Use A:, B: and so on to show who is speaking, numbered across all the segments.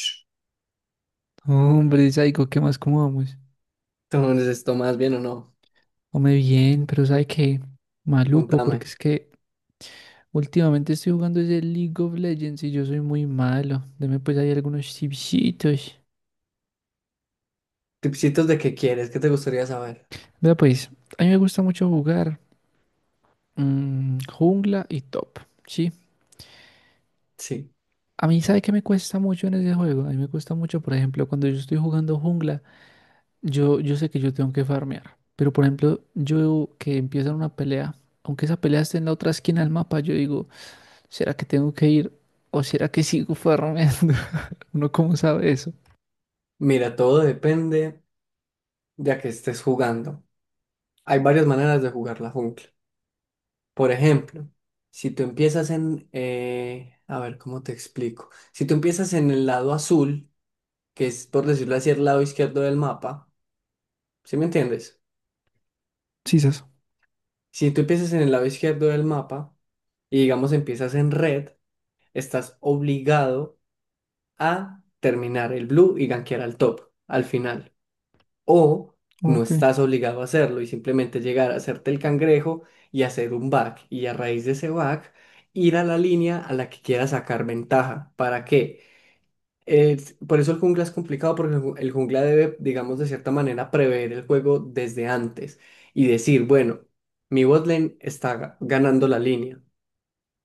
A: Sh,
B: Hombre, Saico, ¿qué más? ¿Cómo vamos?
A: ¿Tú no necesitas más bien o no?
B: Hombre, bien, pero ¿sabe qué? Maluco,
A: Contame.
B: porque es que últimamente estoy jugando ese League of Legends y yo soy muy malo. Deme pues ahí algunos tipsitos.
A: Tipsitos de qué quieres, qué te gustaría saber.
B: Vea pues, a mí me gusta mucho jugar jungla y top, ¿sí?
A: Sí.
B: A mí, ¿sabe qué me cuesta mucho en ese juego? A mí me cuesta mucho, por ejemplo, cuando yo estoy jugando jungla, yo sé que yo tengo que farmear. Pero, por ejemplo, yo que empiezan una pelea, aunque esa pelea esté en la otra esquina del mapa, yo digo... ¿Será que tengo que ir o será que sigo farmeando? ¿Uno cómo sabe eso?
A: Mira, todo depende de a qué estés jugando. Hay varias maneras de jugar la jungla. Por ejemplo, si tú empiezas en, a ver, ¿cómo te explico? Si tú empiezas en el lado azul, que es, por decirlo así, el lado izquierdo del mapa, ¿sí me entiendes?
B: Sí, eso.
A: Si tú empiezas en el lado izquierdo del mapa y digamos empiezas en red, estás obligado a terminar el blue y gankear al top al final. O no
B: Ok.
A: estás obligado a hacerlo y simplemente llegar a hacerte el cangrejo y hacer un back. Y a raíz de ese back, ir a la línea a la que quieras sacar ventaja. ¿Para qué? Por eso el jungla es complicado porque el jungla debe, digamos, de cierta manera prever el juego desde antes y decir, bueno, mi bot lane está ganando la línea,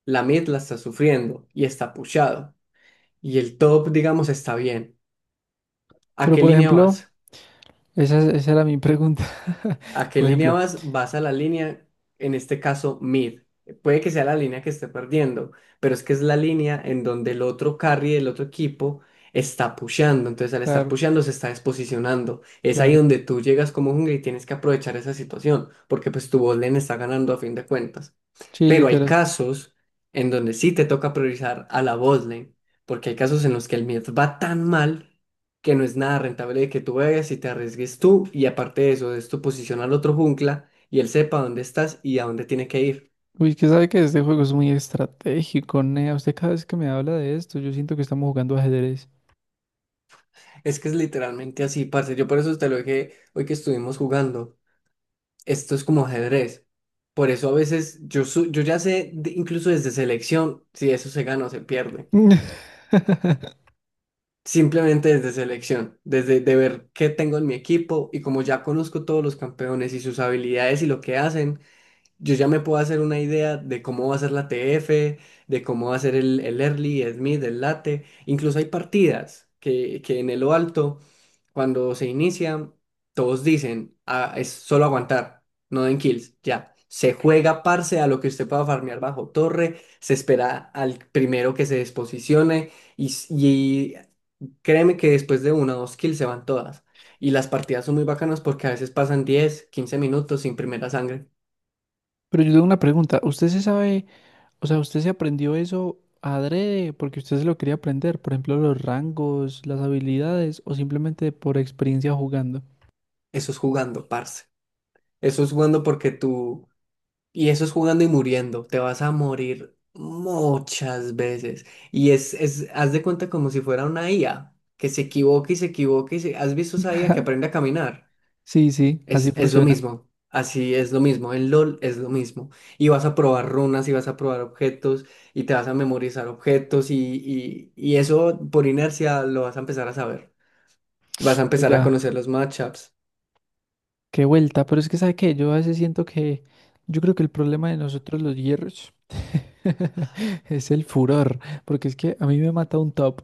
A: la mid la está sufriendo y está pushado y el top, digamos, está bien. ¿A
B: Pero
A: qué
B: por
A: línea
B: ejemplo,
A: vas?
B: esa era mi pregunta.
A: ¿A qué
B: Por
A: línea
B: ejemplo,
A: vas? Vas a la línea, en este caso, mid. Puede que sea la línea que esté perdiendo, pero es que es la línea en donde el otro carry del otro equipo está pusheando. Entonces, al estar
B: claro,
A: pusheando, se está desposicionando. Es ahí donde
B: claro.
A: tú llegas como jungla y tienes que aprovechar esa situación, porque pues tu bot lane está ganando a fin de cuentas.
B: Sí,
A: Pero hay
B: literal.
A: casos en donde sí te toca priorizar a la botlane, porque hay casos en los que el mid va tan mal que no es nada rentable de que tú vayas y te arriesgues tú, y aparte de eso, es tu posición al otro jungla y él sepa dónde estás y a dónde tiene que ir.
B: Uy, que sabe que este juego es muy estratégico, Nea. Usted cada vez que me habla de esto, yo siento que estamos jugando ajedrez.
A: Es que es literalmente así, parce. Yo por eso te lo dije hoy que estuvimos jugando. Esto es como ajedrez. Por eso a veces yo ya sé, incluso desde selección, si eso se gana o se pierde.
B: Pero
A: Simplemente desde selección, desde de ver qué tengo en mi equipo y como ya conozco todos los campeones y sus habilidades y lo que hacen, yo ya me puedo hacer una idea de cómo va a ser la TF, de cómo va a ser el early, el mid, el late. Incluso hay partidas que en el lo alto, cuando se inicia, todos dicen: "Ah, es solo aguantar, no den kills, ya". Se juega parce a lo que usted pueda farmear bajo torre, se espera al primero que se desposicione. Y, s- y Créeme que después de una o dos kills se van todas. Y las partidas son muy bacanas porque a veces pasan 10, 15 minutos sin primera sangre.
B: yo tengo una pregunta. ¿Usted se sabe, o sea, usted se aprendió eso adrede porque usted se lo quería aprender? Por ejemplo, los rangos, las habilidades o simplemente por experiencia jugando.
A: Eso es jugando, parce. Eso es jugando porque tú... Y eso es jugando y muriendo. Te vas a morir muchas veces. Y haz de cuenta como si fuera una IA, que se equivoca y se equivoca y se... ¿Has visto esa IA que aprende a caminar?
B: Sí, sí, así
A: Es lo
B: funciona.
A: mismo, así es lo mismo, en LOL es lo mismo. Y vas a probar runas y vas a probar objetos y te vas a memorizar objetos y eso por inercia lo vas a empezar a saber. Vas a empezar a
B: Oiga,
A: conocer los matchups.
B: qué vuelta, pero es que sabe que yo a veces siento que yo creo que el problema de nosotros los hierros es el furor, porque es que a mí me mata un top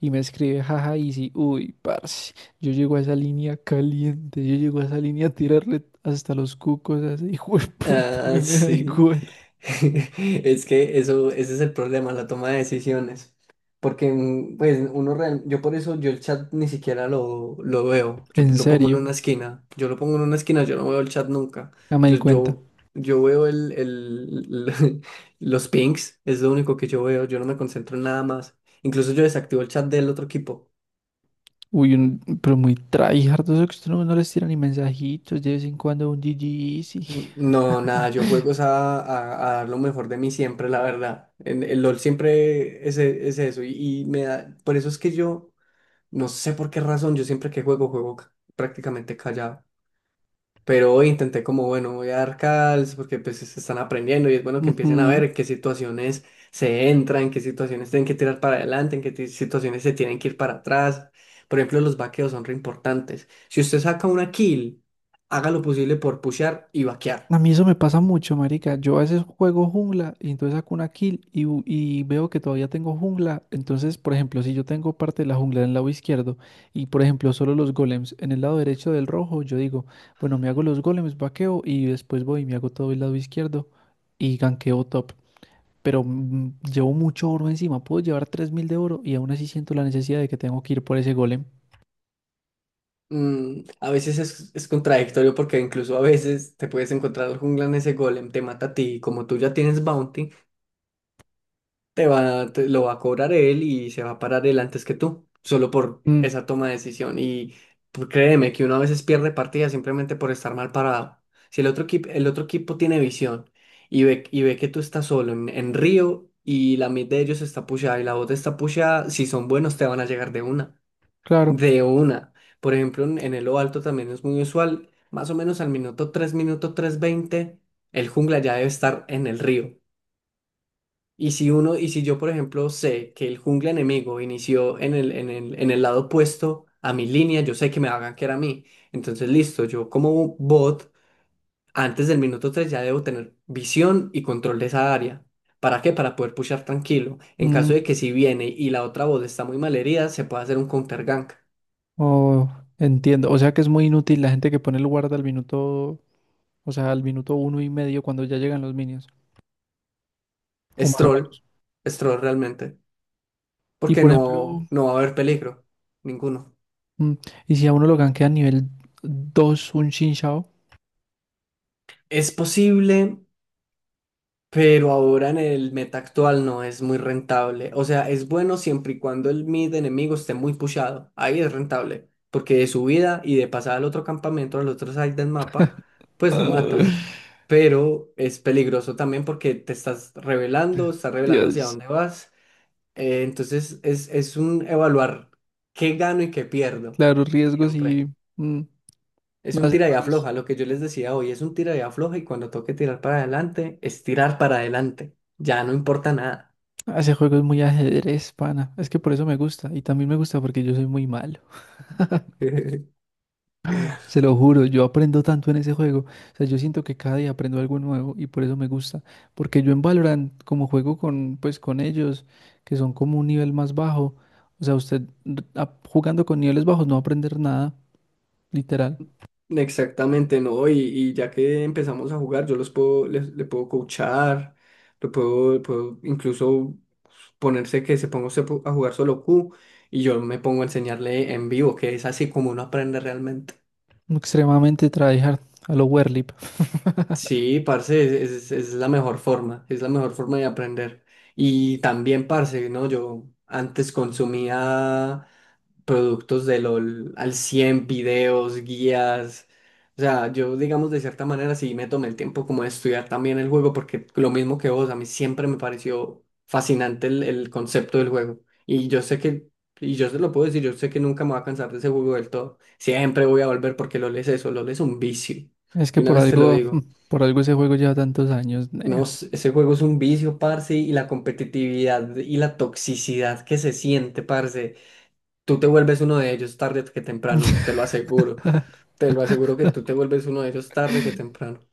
B: y me escribe jaja y easy, uy, parce, yo llego a esa línea caliente, yo llego a esa línea a tirarle hasta los cucos, así, hijo de puta, a
A: Ah,
B: mí me da
A: sí.
B: igual.
A: Es que eso, ese es el problema, la toma de decisiones. Porque, pues, yo por eso yo el chat ni siquiera lo veo. Yo
B: En
A: lo pongo en
B: serio,
A: una esquina. Yo lo pongo en una esquina, yo no veo el chat nunca.
B: ya me
A: Yo,
B: di cuenta.
A: yo, yo veo los pings, es lo único que yo veo. Yo no me concentro en nada más. Incluso yo desactivo el chat del otro equipo.
B: Pero muy tryhard, eso que usted no les tira ni mensajitos, de vez en cuando un GG sí.
A: No, nada, yo juego es a dar lo mejor de mí siempre, la verdad. En, el LOL siempre es eso y me da, por eso es que yo, no sé por qué razón, yo siempre que juego, juego prácticamente callado. Pero hoy intenté como, bueno, voy a dar calls porque pues se están aprendiendo y es bueno que empiecen a ver en qué situaciones se entra, en qué situaciones tienen que tirar para adelante, en qué situaciones se tienen que ir para atrás. Por ejemplo, los vaqueos son re importantes. Si usted saca una kill, haga lo posible por pushear y vaquear.
B: A mí eso me pasa mucho, marica. Yo a veces juego jungla y entonces saco una kill y veo que todavía tengo jungla. Entonces, por ejemplo, si yo tengo parte de la jungla en el lado izquierdo y, por ejemplo, solo los golems en el lado derecho del rojo, yo digo, bueno, me hago los golems, vaqueo y después voy y me hago todo el lado izquierdo y ganqueo top. Pero llevo mucho oro encima. Puedo llevar 3.000 de oro y aún así siento la necesidad de que tengo que ir por ese golem.
A: A veces es contradictorio porque incluso a veces te puedes encontrar al jungla en ese golem, te mata a ti y como tú ya tienes bounty, lo va a cobrar él y se va a parar él antes que tú, solo por
B: Mm,
A: esa toma de decisión. Y pues, créeme que uno a veces pierde partidas simplemente por estar mal parado. Si el otro equipo, el otro equipo tiene visión y ve que tú estás solo en Río y la mid de ellos está pushada y la bot está pushada, si son buenos te van a llegar de una.
B: claro.
A: De una. Por ejemplo, en Elo Alto también es muy usual. Más o menos al minuto tres, minuto 3:20 el jungla ya debe estar en el río. Y si uno, y si yo, por ejemplo, sé que el jungla enemigo inició en el lado opuesto a mi línea, yo sé que me va a gankear a mí. Entonces, listo, yo como bot, antes del minuto 3 ya debo tener visión y control de esa área. ¿Para qué? Para poder pushar tranquilo. En caso de
B: Mm.
A: que si viene y la otra bot está muy malherida, se puede hacer un counter gank.
B: Oh, entiendo. O sea que es muy inútil la gente que pone el guarda al minuto, o sea, al minuto uno y medio cuando ya llegan los minions, o
A: Es
B: más o
A: troll,
B: menos.
A: es troll realmente,
B: Y
A: porque
B: por ejemplo,
A: no, no va a haber peligro, ninguno.
B: mm, y si a uno lo gankea a nivel 2 un Shinshao.
A: Es posible, pero ahora en el meta actual no es muy rentable. O sea, es bueno siempre y cuando el mid enemigo esté muy pushado. Ahí es rentable, porque de subida y de pasada al otro campamento, al otro side del mapa, pues lo matas. Pero es peligroso también porque te estás revelando hacia
B: Dios.
A: dónde vas. Entonces es un evaluar qué gano y qué pierdo,
B: Claro, riesgos
A: siempre.
B: y... mm,
A: Es
B: no,
A: un tira y afloja, lo que yo les decía hoy, es un tira y afloja y cuando toque tirar para adelante, es tirar para adelante, ya no importa nada.
B: ese juego es muy ajedrez, pana. Es que por eso me gusta. Y también me gusta porque yo soy muy malo. Se lo juro, yo aprendo tanto en ese juego. O sea, yo siento que cada día aprendo algo nuevo y por eso me gusta. Porque yo en Valorant, como juego con, pues, con ellos, que son como un nivel más bajo, o sea, jugando con niveles bajos no va a aprender nada, literal.
A: Exactamente, ¿no? Y ya que empezamos a jugar, yo le puedo coachar, puedo incluso ponerse que se ponga usted a jugar solo Q y yo me pongo a enseñarle en vivo, que es así como uno aprende realmente.
B: Extremadamente tryhard a lo Werlip.
A: Sí, parce, es la mejor forma, es la mejor forma de aprender. Y también, parce, ¿no? Yo antes consumía productos de LOL al 100 videos, guías. O sea, yo, digamos, de cierta manera sí me tomé el tiempo como de estudiar también el juego, porque lo mismo que vos, a mí siempre me pareció fascinante el concepto del juego. Y yo sé que, y yo se lo puedo decir, yo sé que nunca me voy a cansar de ese juego del todo. Siempre voy a volver porque LOL es eso, LOL es un vicio.
B: Es
A: Y
B: que
A: una
B: por
A: vez te lo
B: algo,
A: digo.
B: por algo ese juego lleva tantos años,
A: No,
B: nea.
A: ese juego es un vicio, parce, y la competitividad y la toxicidad que se siente, parce. Tú te vuelves uno de ellos tarde que temprano, te lo aseguro. Te lo aseguro que tú te vuelves uno de ellos tarde que temprano.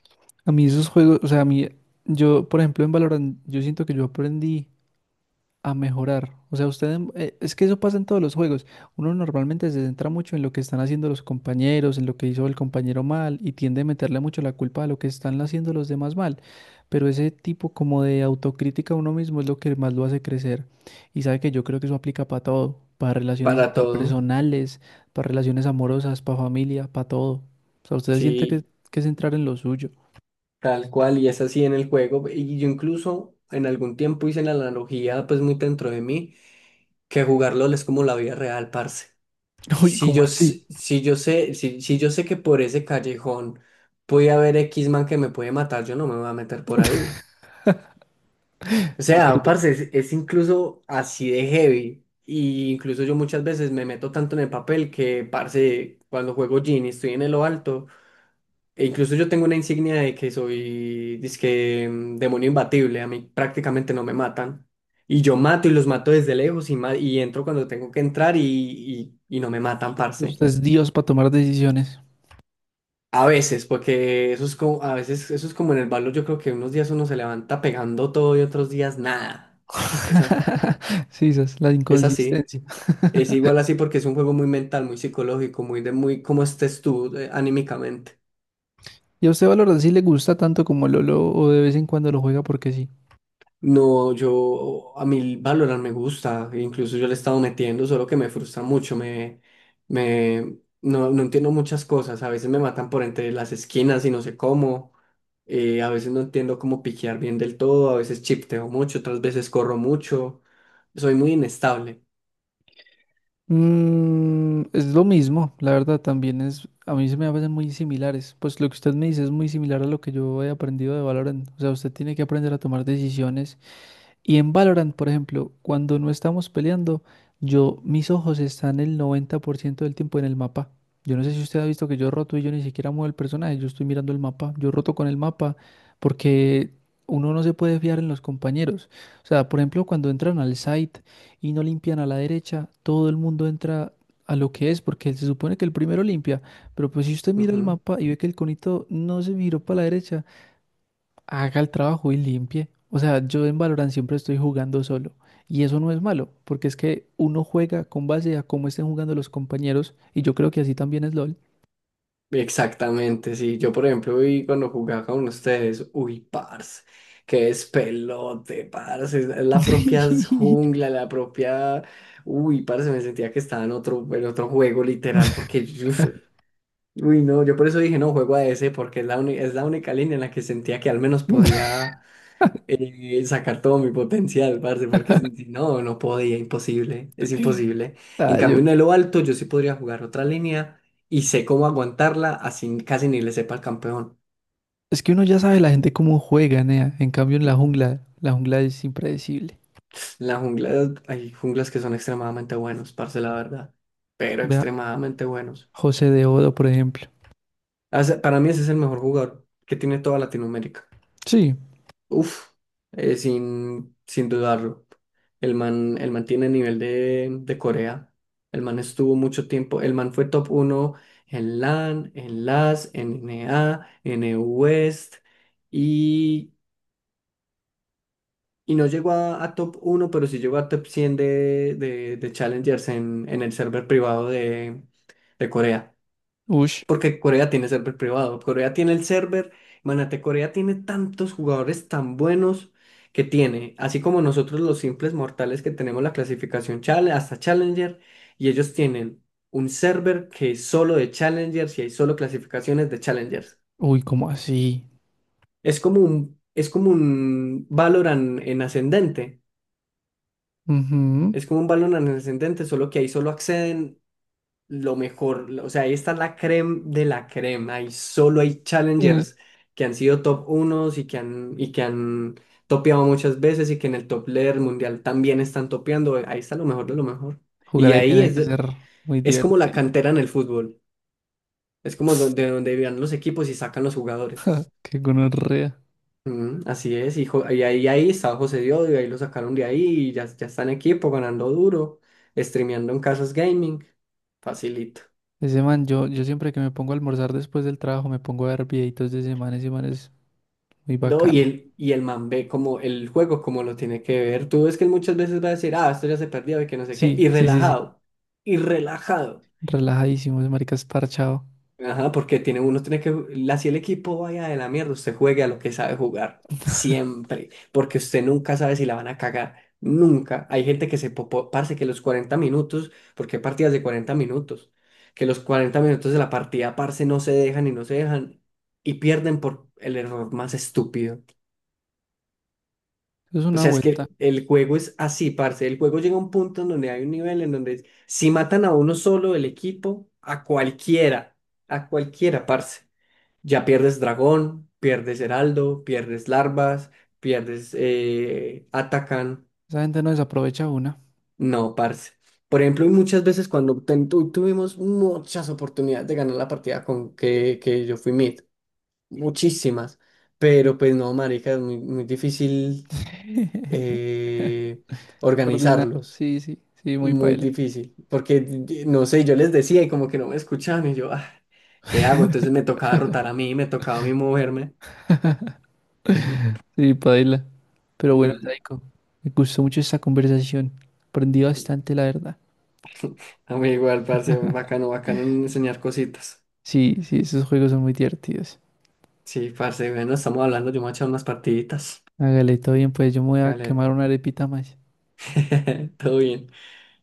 B: A mí esos juegos, o sea, a mí, yo, por ejemplo, en Valorant, yo siento que yo aprendí a mejorar. O sea, es que eso pasa en todos los juegos. Uno normalmente se centra mucho en lo que están haciendo los compañeros, en lo que hizo el compañero mal y tiende a meterle mucho la culpa a lo que están haciendo los demás mal. Pero ese tipo como de autocrítica a uno mismo es lo que más lo hace crecer. Y sabe que yo creo que eso aplica para todo, para relaciones
A: Para todo,
B: interpersonales, para relaciones amorosas, para familia, para todo. O sea, usted siente
A: sí,
B: que es entrar en lo suyo.
A: tal cual, y es así en el juego. Y yo incluso en algún tiempo hice la analogía, pues muy dentro de mí, que jugar LOL es como la vida real, parce.
B: Uy, ¿cómo así?
A: Si yo sé que por ese callejón puede haber X man que me puede matar, yo no me voy a meter por ahí. O
B: Es
A: sea,
B: verdad.
A: parce, es incluso así de heavy. Y incluso yo muchas veces me meto tanto en el papel que, parce, cuando juego Genie estoy en lo alto. E incluso yo tengo una insignia de que soy, dizque, demonio imbatible. A mí prácticamente no me matan. Y yo mato y los mato desde lejos y entro cuando tengo que entrar y no me matan, parce.
B: Usted es Dios para tomar decisiones.
A: A veces, porque eso es como, a veces eso es como en el balón. Yo creo que unos días uno se levanta pegando todo y otros días nada. Esa,
B: Sí, esa es la
A: es así.
B: inconsistencia.
A: Es igual así porque es un juego muy mental, muy psicológico, muy de muy cómo estés tú, anímicamente.
B: ¿Y a usted Valorant sí le gusta tanto como Lolo o de vez en cuando lo juega porque sí?
A: No, yo a mí Valorant me gusta, incluso yo le he estado metiendo, solo que me frustra mucho, me no, no entiendo muchas cosas, a veces me matan por entre las esquinas y no sé cómo, a veces no entiendo cómo piquear bien del todo, a veces chipteo mucho, otras veces corro mucho, soy muy inestable.
B: Mm, es lo mismo, la verdad también es, a mí se me hacen muy similares. Pues lo que usted me dice es muy similar a lo que yo he aprendido de Valorant. O sea, usted tiene que aprender a tomar decisiones. Y en Valorant, por ejemplo, cuando no estamos peleando, yo, mis ojos están el 90% del tiempo en el mapa. Yo no sé si usted ha visto que yo roto y yo ni siquiera muevo el personaje, yo estoy mirando el mapa, yo roto con el mapa porque uno no se puede fiar en los compañeros. O sea, por ejemplo, cuando entran al site y no limpian a la derecha, todo el mundo entra a lo que es porque se supone que el primero limpia, pero pues si usted mira el
A: Ujú.
B: mapa y ve que el conito no se miró para la derecha, haga el trabajo y limpie. O sea, yo en Valorant siempre estoy jugando solo. Y eso no es malo, porque es que uno juega con base a cómo estén jugando los compañeros. Y yo creo que así también es LOL.
A: Exactamente, sí. Yo, por ejemplo, vi cuando jugaba con ustedes, uy, parce, qué despelote, parce, es la propia jungla, la propia, uy, parce, me sentía que estaba en otro juego literal, porque, no, yo por eso dije, no, juego a ese, porque es es la única línea en la que sentía que al menos podía sacar todo mi potencial, parce, porque si no, no podía, imposible, es imposible. En
B: Ah, yo-
A: cambio, en lo alto yo sí podría jugar otra línea y sé cómo aguantarla, así casi ni le sepa al campeón.
B: Es que uno ya sabe la gente cómo juega, nea. En cambio, en la jungla es impredecible.
A: En la jungla, hay junglas que son extremadamente buenos, parce, la verdad, pero
B: Vea,
A: extremadamente buenos.
B: José de Odo, por ejemplo.
A: Para mí ese es el mejor jugador que tiene toda Latinoamérica.
B: Sí,
A: Uf, sin dudarlo. El man tiene nivel de Corea. El man estuvo mucho tiempo. El man fue top uno en LAN, en LAS, en NA, en EU West. Y, y no llegó a top uno, pero sí llegó a top 100 de Challengers en el server privado de Corea.
B: ush.
A: Porque Corea tiene server privado, Corea tiene el server, imagínate, Corea tiene tantos jugadores tan buenos que tiene, así como nosotros los simples mortales que tenemos la clasificación hasta Challenger, y ellos tienen un server que es solo de Challengers y hay solo clasificaciones de Challengers.
B: Uy, ¿cómo así?
A: Es como un Valorant en ascendente,
B: Ujú.
A: es como un Valorant en ascendente, solo que ahí solo acceden lo mejor, o sea, esta es la creme de la crema y solo hay
B: Nah,
A: challengers que han sido top unos y que han topeado muchas veces y que en el top leader mundial también están topeando, ahí está lo mejor de lo mejor.
B: jugar
A: Y
B: ahí
A: ahí
B: tiene
A: es,
B: que ser muy
A: es como la
B: divertido.
A: cantera en el fútbol, es como de donde vivían los equipos y sacan los jugadores.
B: Qué gonorrea.
A: Mm, así es, ahí estaba José Diodio, y ahí lo sacaron de ahí y ya está en equipo ganando duro, streameando en Casas Gaming, facilito.
B: Ese man, yo siempre que me pongo a almorzar después del trabajo me pongo a ver videitos de ese man es muy
A: No,
B: bacano.
A: y el man ve como el juego, como lo tiene que ver. Tú ves que él muchas veces va a decir, ah, esto ya se perdió y que no sé qué,
B: Sí,
A: y
B: sí, sí, sí,
A: relajado, y relajado.
B: relajadísimo, ese marica es parchado.
A: Ajá, porque tiene, uno tiene que, así el equipo vaya de la mierda, usted juegue a lo que sabe jugar, siempre, porque usted nunca sabe si la van a cagar, nunca. Hay gente que se popó, parce, que los 40 minutos, porque hay partidas de 40 minutos, que los 40 minutos de la partida, parce, no se dejan y no se dejan, y pierden por el error más estúpido.
B: Eso es
A: O
B: una
A: sea, es
B: vuelta,
A: que el juego es así, parce. El juego llega a un punto en donde hay un nivel en donde si matan a uno solo del equipo, a cualquiera, parce. Ya pierdes dragón, pierdes heraldo, pierdes larvas, pierdes atacan.
B: esa gente no desaprovecha una.
A: No, parce. Por ejemplo, y muchas veces cuando tuvimos muchas oportunidades de ganar la partida con que yo fui mid, muchísimas. Pero pues no, marica, es muy difícil eh,
B: Ordinar,
A: organizarlos.
B: sí, sí, sí, muy
A: Muy
B: paila.
A: difícil, porque no sé, yo les decía y como que no me escuchaban y yo, ah, ¿qué hago? Entonces me tocaba rotar a mí, me tocaba a mí moverme. Mm,
B: Sí, paila. Pero bueno,
A: muy,
B: Saiko, me gustó mucho esta conversación, aprendí bastante, la verdad.
A: a mí igual, parce, bacano, bacano enseñar cositas.
B: Sí, sí, esos juegos son muy divertidos.
A: Sí, parce, bueno, estamos hablando, yo me voy a echar unas partiditas.
B: Hágale, todo bien, pues yo me voy a
A: Vale,
B: quemar una arepita más.
A: todo bien.